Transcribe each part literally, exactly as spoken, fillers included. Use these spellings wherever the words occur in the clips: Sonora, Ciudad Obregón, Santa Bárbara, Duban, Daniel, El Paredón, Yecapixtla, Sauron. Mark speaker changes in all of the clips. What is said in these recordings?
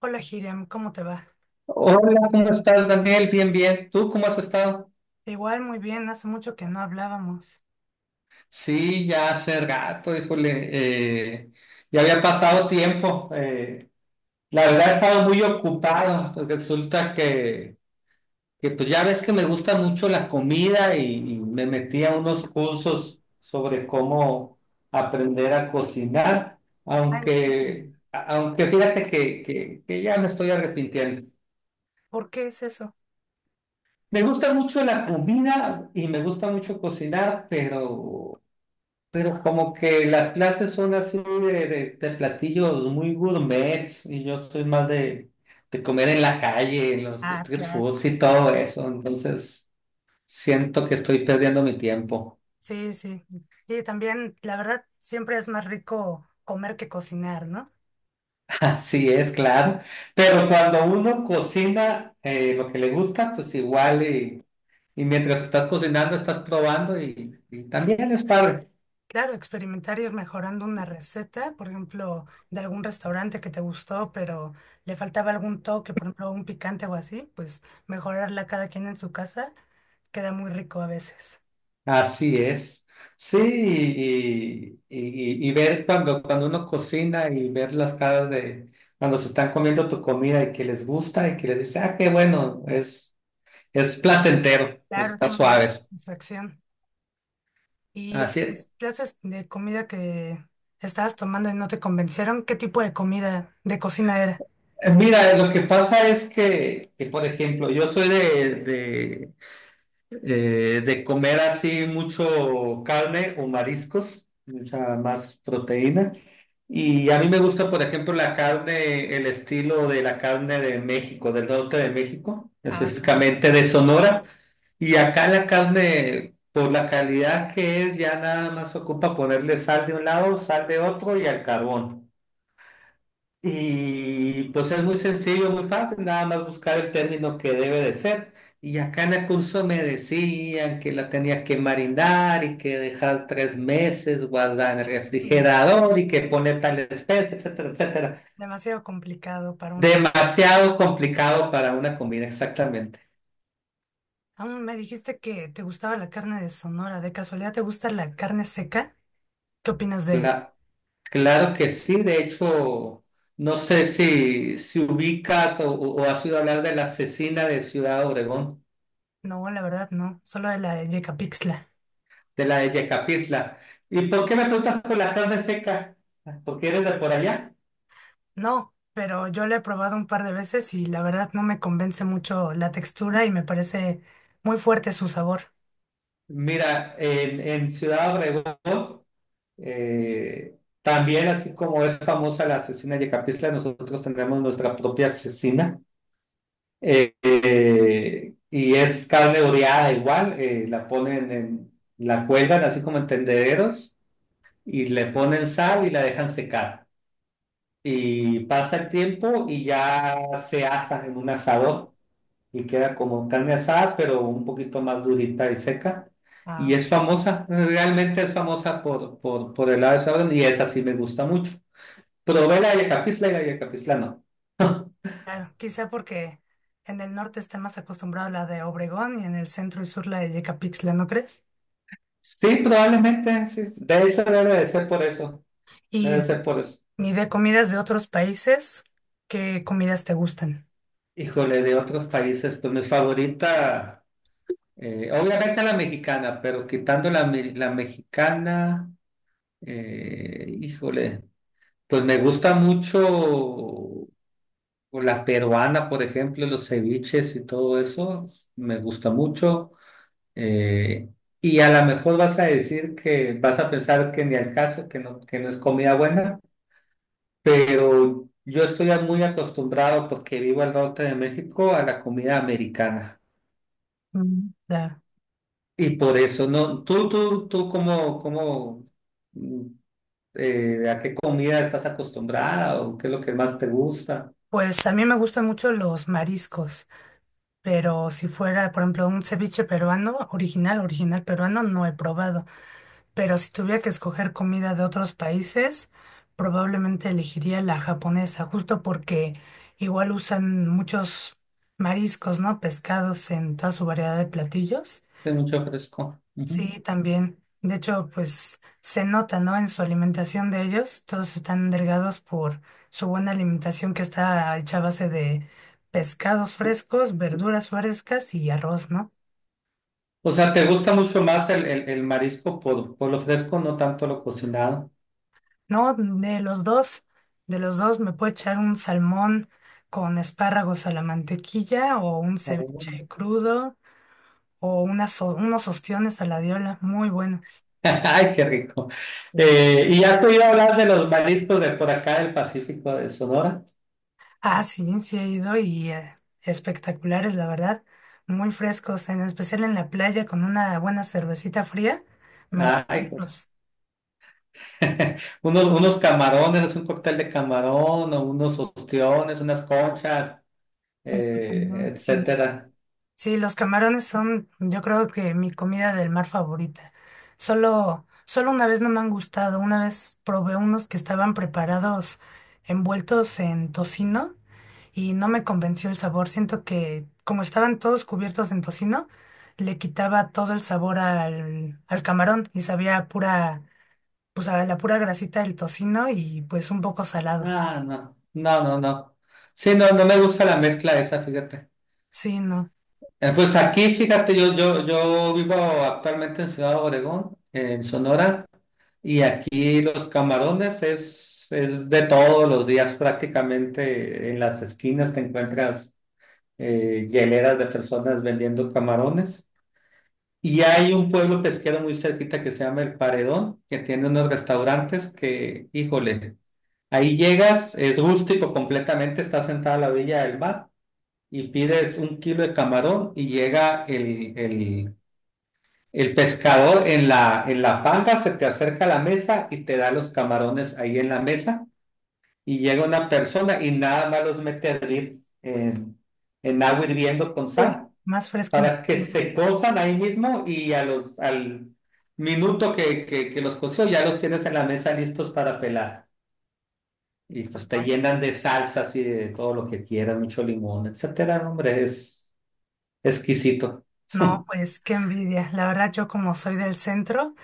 Speaker 1: Hola, Hiriam, ¿cómo te va?
Speaker 2: Hola, ¿cómo estás, Daniel? Bien, bien. ¿Tú cómo has estado?
Speaker 1: Igual, muy bien, hace mucho que no hablábamos.
Speaker 2: Sí, ya hace gato, híjole. eh, ya había pasado tiempo. Eh, la verdad he estado muy ocupado. Pues resulta que, que, pues ya ves que me gusta mucho la comida y, y me metí a unos cursos sobre cómo aprender a cocinar,
Speaker 1: Ah, ¿en serio?
Speaker 2: aunque, a- aunque fíjate que, que, que ya me estoy arrepintiendo.
Speaker 1: ¿Por qué es eso?
Speaker 2: Me gusta mucho la comida y me gusta mucho cocinar, pero Pero como que las clases son así de, de- de platillos muy gourmets y yo soy más de, de comer en la calle, en los
Speaker 1: Ah,
Speaker 2: street
Speaker 1: claro.
Speaker 2: foods y todo eso. Entonces siento que estoy perdiendo mi tiempo.
Speaker 1: Sí, sí. Sí, también, la verdad, siempre es más rico comer que cocinar, ¿no?
Speaker 2: Así es, claro. Pero cuando uno cocina eh, lo que le gusta, pues igual y, y mientras estás cocinando estás probando y, y también es padre.
Speaker 1: Claro, experimentar ir mejorando una receta, por ejemplo, de algún restaurante que te gustó, pero le faltaba algún toque, por ejemplo, un picante o así, pues mejorarla cada quien en su casa queda muy rico a veces.
Speaker 2: Así es. Sí, y, y- y- y ver cuando, cuando uno cocina y ver las caras de cuando se están comiendo tu comida y que les gusta y que les dice, ah, qué bueno, es, es placentero,
Speaker 1: Claro, es
Speaker 2: está
Speaker 1: una gran
Speaker 2: suave.
Speaker 1: satisfacción. ¿Y en
Speaker 2: Así es.
Speaker 1: tus clases de comida que estabas tomando y no te convencieron? ¿Qué tipo de comida de cocina era?
Speaker 2: Eh, Mira, lo que pasa es que, que, por ejemplo, yo soy de, Eh, de comer así mucho carne o mariscos, mucha más proteína. Y a mí me gusta, por ejemplo, la carne, el estilo de la carne de México, del norte de México,
Speaker 1: Ah, sí.
Speaker 2: específicamente de Sonora. Y acá la carne, por la calidad que es, ya nada más ocupa ponerle sal de un lado, sal de otro y al carbón. Y pues es muy sencillo, muy fácil, nada más buscar el término que debe de ser. Y acá en el curso me decían que la tenía que marinar y que dejar tres meses guardada en el
Speaker 1: No,
Speaker 2: refrigerador y que poner tal especie, etcétera, etcétera.
Speaker 1: demasiado complicado para una.
Speaker 2: Demasiado complicado para una comida, exactamente.
Speaker 1: Aún me dijiste que te gustaba la carne de Sonora. ¿De casualidad te gusta la carne seca? ¿Qué opinas de ella?
Speaker 2: Cla- claro que sí, de hecho, no sé si, si ubicas o, o- o has oído hablar de la cecina de Ciudad Obregón.
Speaker 1: No, la verdad no. Solo de la de Yecapixtla.
Speaker 2: De la de Yecapixtla. ¿Y por qué me preguntas por la carne seca? Porque eres de por allá.
Speaker 1: No, pero yo la he probado un par de veces y la verdad no me convence mucho la textura y me parece muy fuerte su sabor.
Speaker 2: Mira, en, en Ciudad Obregón, eh, también así como es famosa la asesina Yecapixtla, nosotros tenemos nuestra propia asesina. Eh, eh, y es carne oreada igual, eh, la ponen en, la cuelgan así como en tendederos y le ponen sal y la dejan secar. Y pasa el tiempo y ya se asa en un asador. Y queda como carne asada, pero un poquito más durita y seca. Y
Speaker 1: Ah.
Speaker 2: es famosa, realmente es famosa por, por, por el lado de Sauron y esa sí me gusta mucho. Probé la Yacapisla y la Yacapisla no.
Speaker 1: Claro, quizá porque en el norte está más acostumbrado a la de Obregón y en el centro y sur la de Yecapixtla, ¿no crees?
Speaker 2: Sí, probablemente, sí. De hecho, debe de ser por eso. Debe de
Speaker 1: Y
Speaker 2: ser por eso.
Speaker 1: ni de comidas de otros países, ¿qué comidas te gustan?
Speaker 2: Híjole, de otros países, pues mi favorita, eh, obviamente la mexicana, pero quitando la, me- la mexicana, eh, híjole, pues me gusta mucho. O la peruana, por ejemplo, los ceviches y todo eso, me gusta mucho. Eh, y a lo mejor vas a decir que vas a pensar que ni al caso, que no, que no es comida buena, pero yo estoy muy acostumbrado porque vivo al norte de México a la comida americana.
Speaker 1: Mm, claro.
Speaker 2: Y por eso, no, tú, tú, tú, ¿cómo, cómo, mm, eh, a qué comida estás acostumbrada o qué es lo que más te gusta?
Speaker 1: Pues a mí me gustan mucho los mariscos, pero si fuera, por ejemplo, un ceviche peruano, original, original peruano, no he probado. Pero si tuviera que escoger comida de otros países, probablemente elegiría la japonesa, justo porque igual usan muchos mariscos, ¿no? Pescados en toda su variedad de platillos.
Speaker 2: Es mucho fresco. Ujú.
Speaker 1: Sí, también. De hecho, pues se nota, ¿no? En su alimentación de ellos, todos están delgados por su buena alimentación que está hecha a base de pescados frescos, verduras frescas y arroz, ¿no?
Speaker 2: O sea, ¿te gusta mucho más el, el- el marisco por, por lo fresco, no tanto lo cocinado?
Speaker 1: No, de los dos, de los dos me puedo echar un salmón con espárragos a la mantequilla o un
Speaker 2: Ah, bueno.
Speaker 1: ceviche crudo o unas, o- unos ostiones a la diola, muy buenos.
Speaker 2: Ay, qué rico.
Speaker 1: Mm.
Speaker 2: Eh, ¿y has oído hablar de los mariscos de por acá del Pacífico de Sonora?
Speaker 1: Ah, sí, sí he ido y eh, espectaculares, la verdad, muy frescos, en especial en la playa con una buena cervecita fría,
Speaker 2: Ay, joder.
Speaker 1: maravillosos.
Speaker 2: unos, unos camarones, es un cóctel de camarón, o unos ostiones, unas conchas, eh,
Speaker 1: También, sí.
Speaker 2: etcétera.
Speaker 1: Sí, los camarones son, yo creo que mi comida del mar favorita. Solo, solo una vez no me han gustado. Una vez probé unos que estaban preparados envueltos en tocino y no me convenció el sabor. Siento que como estaban todos cubiertos en tocino, le quitaba todo el sabor al, al camarón y sabía a pura, pues a la pura grasita del tocino y pues un poco salados.
Speaker 2: Ah, no, no, no, no. Sí, no, no me gusta la mezcla esa, fíjate.
Speaker 1: Sí, no.
Speaker 2: Eh, Pues aquí, fíjate, yo, yo, yo vivo actualmente en Ciudad Obregón, en Sonora, y aquí los camarones es, es de todos los días prácticamente. En las esquinas te encuentras eh, hieleras de personas vendiendo camarones. Y hay un pueblo pesquero muy cerquita que se llama El Paredón, que tiene unos restaurantes que, híjole, ahí llegas, es rústico completamente, estás sentada a la orilla del mar y pides un kilo de camarón y llega el, el el pescador en la, en la panga, se te acerca a la mesa y te da los camarones ahí en la mesa, y llega una persona y nada más los mete a hervir en, en agua hirviendo con
Speaker 1: Uy,
Speaker 2: sal
Speaker 1: más fresco
Speaker 2: para que
Speaker 1: imposible.
Speaker 2: se cozan ahí mismo y a los, al minuto que, que, que los coció ya los tienes en la mesa listos para pelar. Y pues te llenan de salsas y de todo lo que quieras, mucho limón, etcétera. Hombre, es exquisito.
Speaker 1: No, pues qué envidia. La verdad, yo como soy del centro,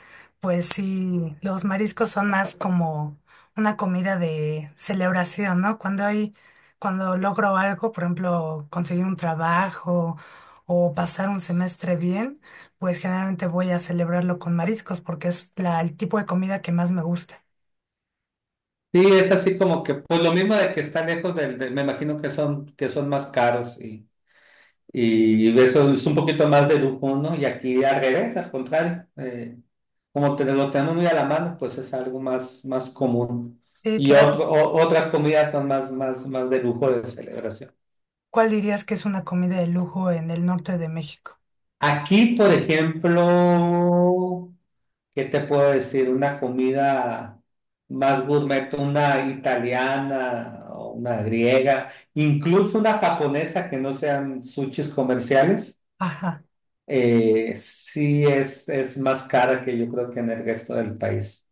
Speaker 1: pues sí, los mariscos son más como una comida de celebración, ¿no? Cuando hay, cuando logro algo, por ejemplo, conseguir un trabajo o pasar un semestre bien, pues generalmente voy a celebrarlo con mariscos porque es la, el tipo de comida que más me gusta.
Speaker 2: Sí, es así como que, pues lo mismo de que está lejos del, del- me imagino que son, que son más caros, y, y eso es un poquito más de lujo, ¿no? Y aquí al revés, al contrario, eh, como te, lo tenemos muy a la mano, pues es algo más, más común.
Speaker 1: Sí,
Speaker 2: Y
Speaker 1: claro.
Speaker 2: otro, o- otras comidas son más, más, más de lujo de celebración.
Speaker 1: ¿Cuál dirías que es una comida de lujo en el norte de México?
Speaker 2: Aquí, por ejemplo, ¿qué te puedo decir? Una comida más gourmet, una italiana o una griega, incluso una japonesa que no sean sushis comerciales,
Speaker 1: Ajá.
Speaker 2: eh, sí es, es más cara que yo creo que en el resto del país.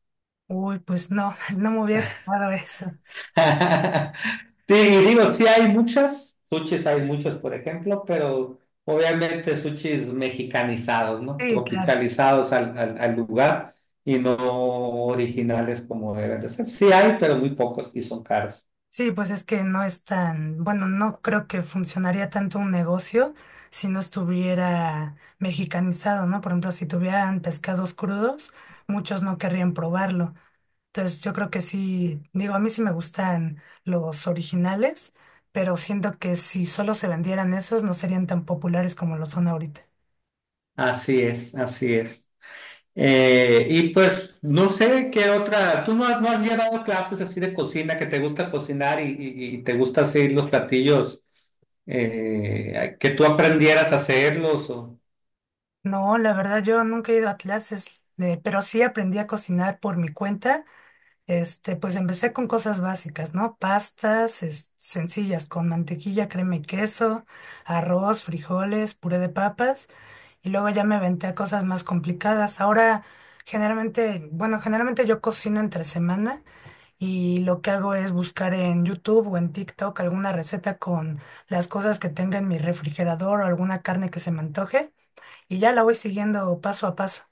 Speaker 1: Uy, pues no, no me hubiera esperado eso.
Speaker 2: Sí, y digo, sí hay muchas, sushis hay muchos, por ejemplo, pero obviamente sushis mexicanizados, ¿no?
Speaker 1: Sí, claro.
Speaker 2: Tropicalizados al, al, al lugar, y no originales como deben de ser. Sí hay, pero muy pocos y son caros.
Speaker 1: Sí, pues es que no es tan, bueno, no creo que funcionaría tanto un negocio si no estuviera mexicanizado, ¿no? Por ejemplo, si tuvieran pescados crudos, muchos no querrían probarlo. Entonces, yo creo que sí, digo, a mí sí me gustan los originales, pero siento que si solo se vendieran esos, no serían tan populares como lo son ahorita.
Speaker 2: Así es, así es. Eh, y pues no sé qué otra, tú no has, no has llevado clases así de cocina, que te gusta cocinar y, y- y te gusta hacer los platillos, eh, que tú aprendieras a hacerlos o...
Speaker 1: No, la verdad, yo nunca he ido a clases, de, pero sí aprendí a cocinar por mi cuenta. Este, pues empecé con cosas básicas, ¿no? Pastas, es- sencillas, con mantequilla, crema y queso, arroz, frijoles, puré de papas, y luego ya me aventé a cosas más complicadas. Ahora, generalmente, bueno, generalmente yo cocino entre semana y lo que hago es buscar en YouTube o en TikTok alguna receta con las cosas que tenga en mi refrigerador o alguna carne que se me antoje, y ya la voy siguiendo paso a paso.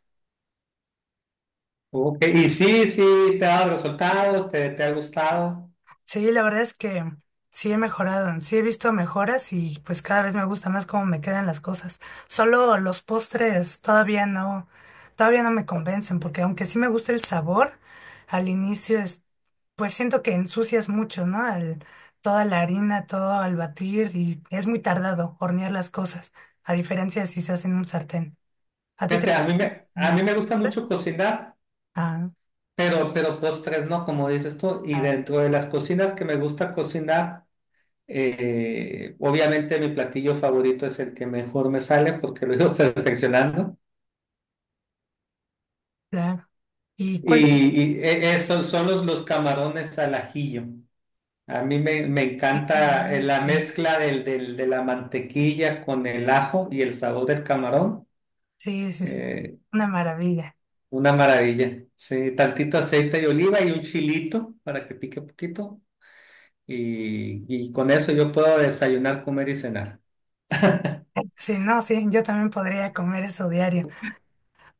Speaker 2: Ok, ¿y sí, sí, te ha dado resultados, te, te ha gustado?
Speaker 1: Sí, la verdad es que sí he mejorado, sí he visto mejoras y pues cada vez me gusta más cómo me quedan las cosas. Solo los postres todavía no, todavía no, me convencen, porque aunque sí me gusta el sabor, al inicio es, pues siento que ensucias mucho, ¿no? Al- toda la harina, todo al batir y es muy tardado hornear las cosas, a diferencia de si se hace en un sartén. ¿A ti te
Speaker 2: Fíjate, a mí
Speaker 1: gustan
Speaker 2: me, a
Speaker 1: los
Speaker 2: mí me gusta
Speaker 1: postres?
Speaker 2: mucho cocinar,
Speaker 1: Ah,
Speaker 2: pero, pero postres no, como dices tú. Y
Speaker 1: ah,
Speaker 2: dentro de las cocinas que me gusta cocinar, eh, obviamente mi platillo favorito es el que mejor me sale porque lo he ido perfeccionando.
Speaker 1: claro. ¿Y
Speaker 2: Y,
Speaker 1: cuál era?
Speaker 2: y e- Eso son los, los camarones al ajillo. A mí me, me encanta eh, la mezcla del, del- de la mantequilla con el ajo y el sabor del camarón.
Speaker 1: Sí, sí, sí.
Speaker 2: eh,
Speaker 1: Una maravilla.
Speaker 2: Una maravilla. Sí, tantito aceite de oliva y un chilito para que pique poquito. Y y con eso yo puedo desayunar, comer y cenar.
Speaker 1: Sí, no, sí, yo también podría comer eso diario.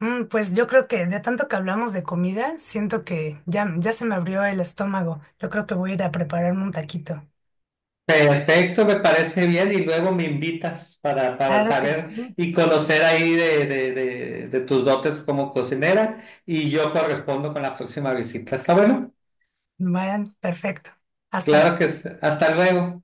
Speaker 1: Mm, pues yo creo que de tanto que hablamos de comida, siento que ya, ya se me abrió el estómago. Yo creo que voy a ir a prepararme un taquito.
Speaker 2: Perfecto, me parece bien. Y luego me invitas para, para
Speaker 1: Claro que
Speaker 2: saber
Speaker 1: sí.
Speaker 2: y conocer ahí de, de, de, de tus dotes como cocinera. Y yo correspondo con la próxima visita. ¿Está bueno?
Speaker 1: Vayan, perfecto. Hasta luego.
Speaker 2: Claro que sí. Hasta luego.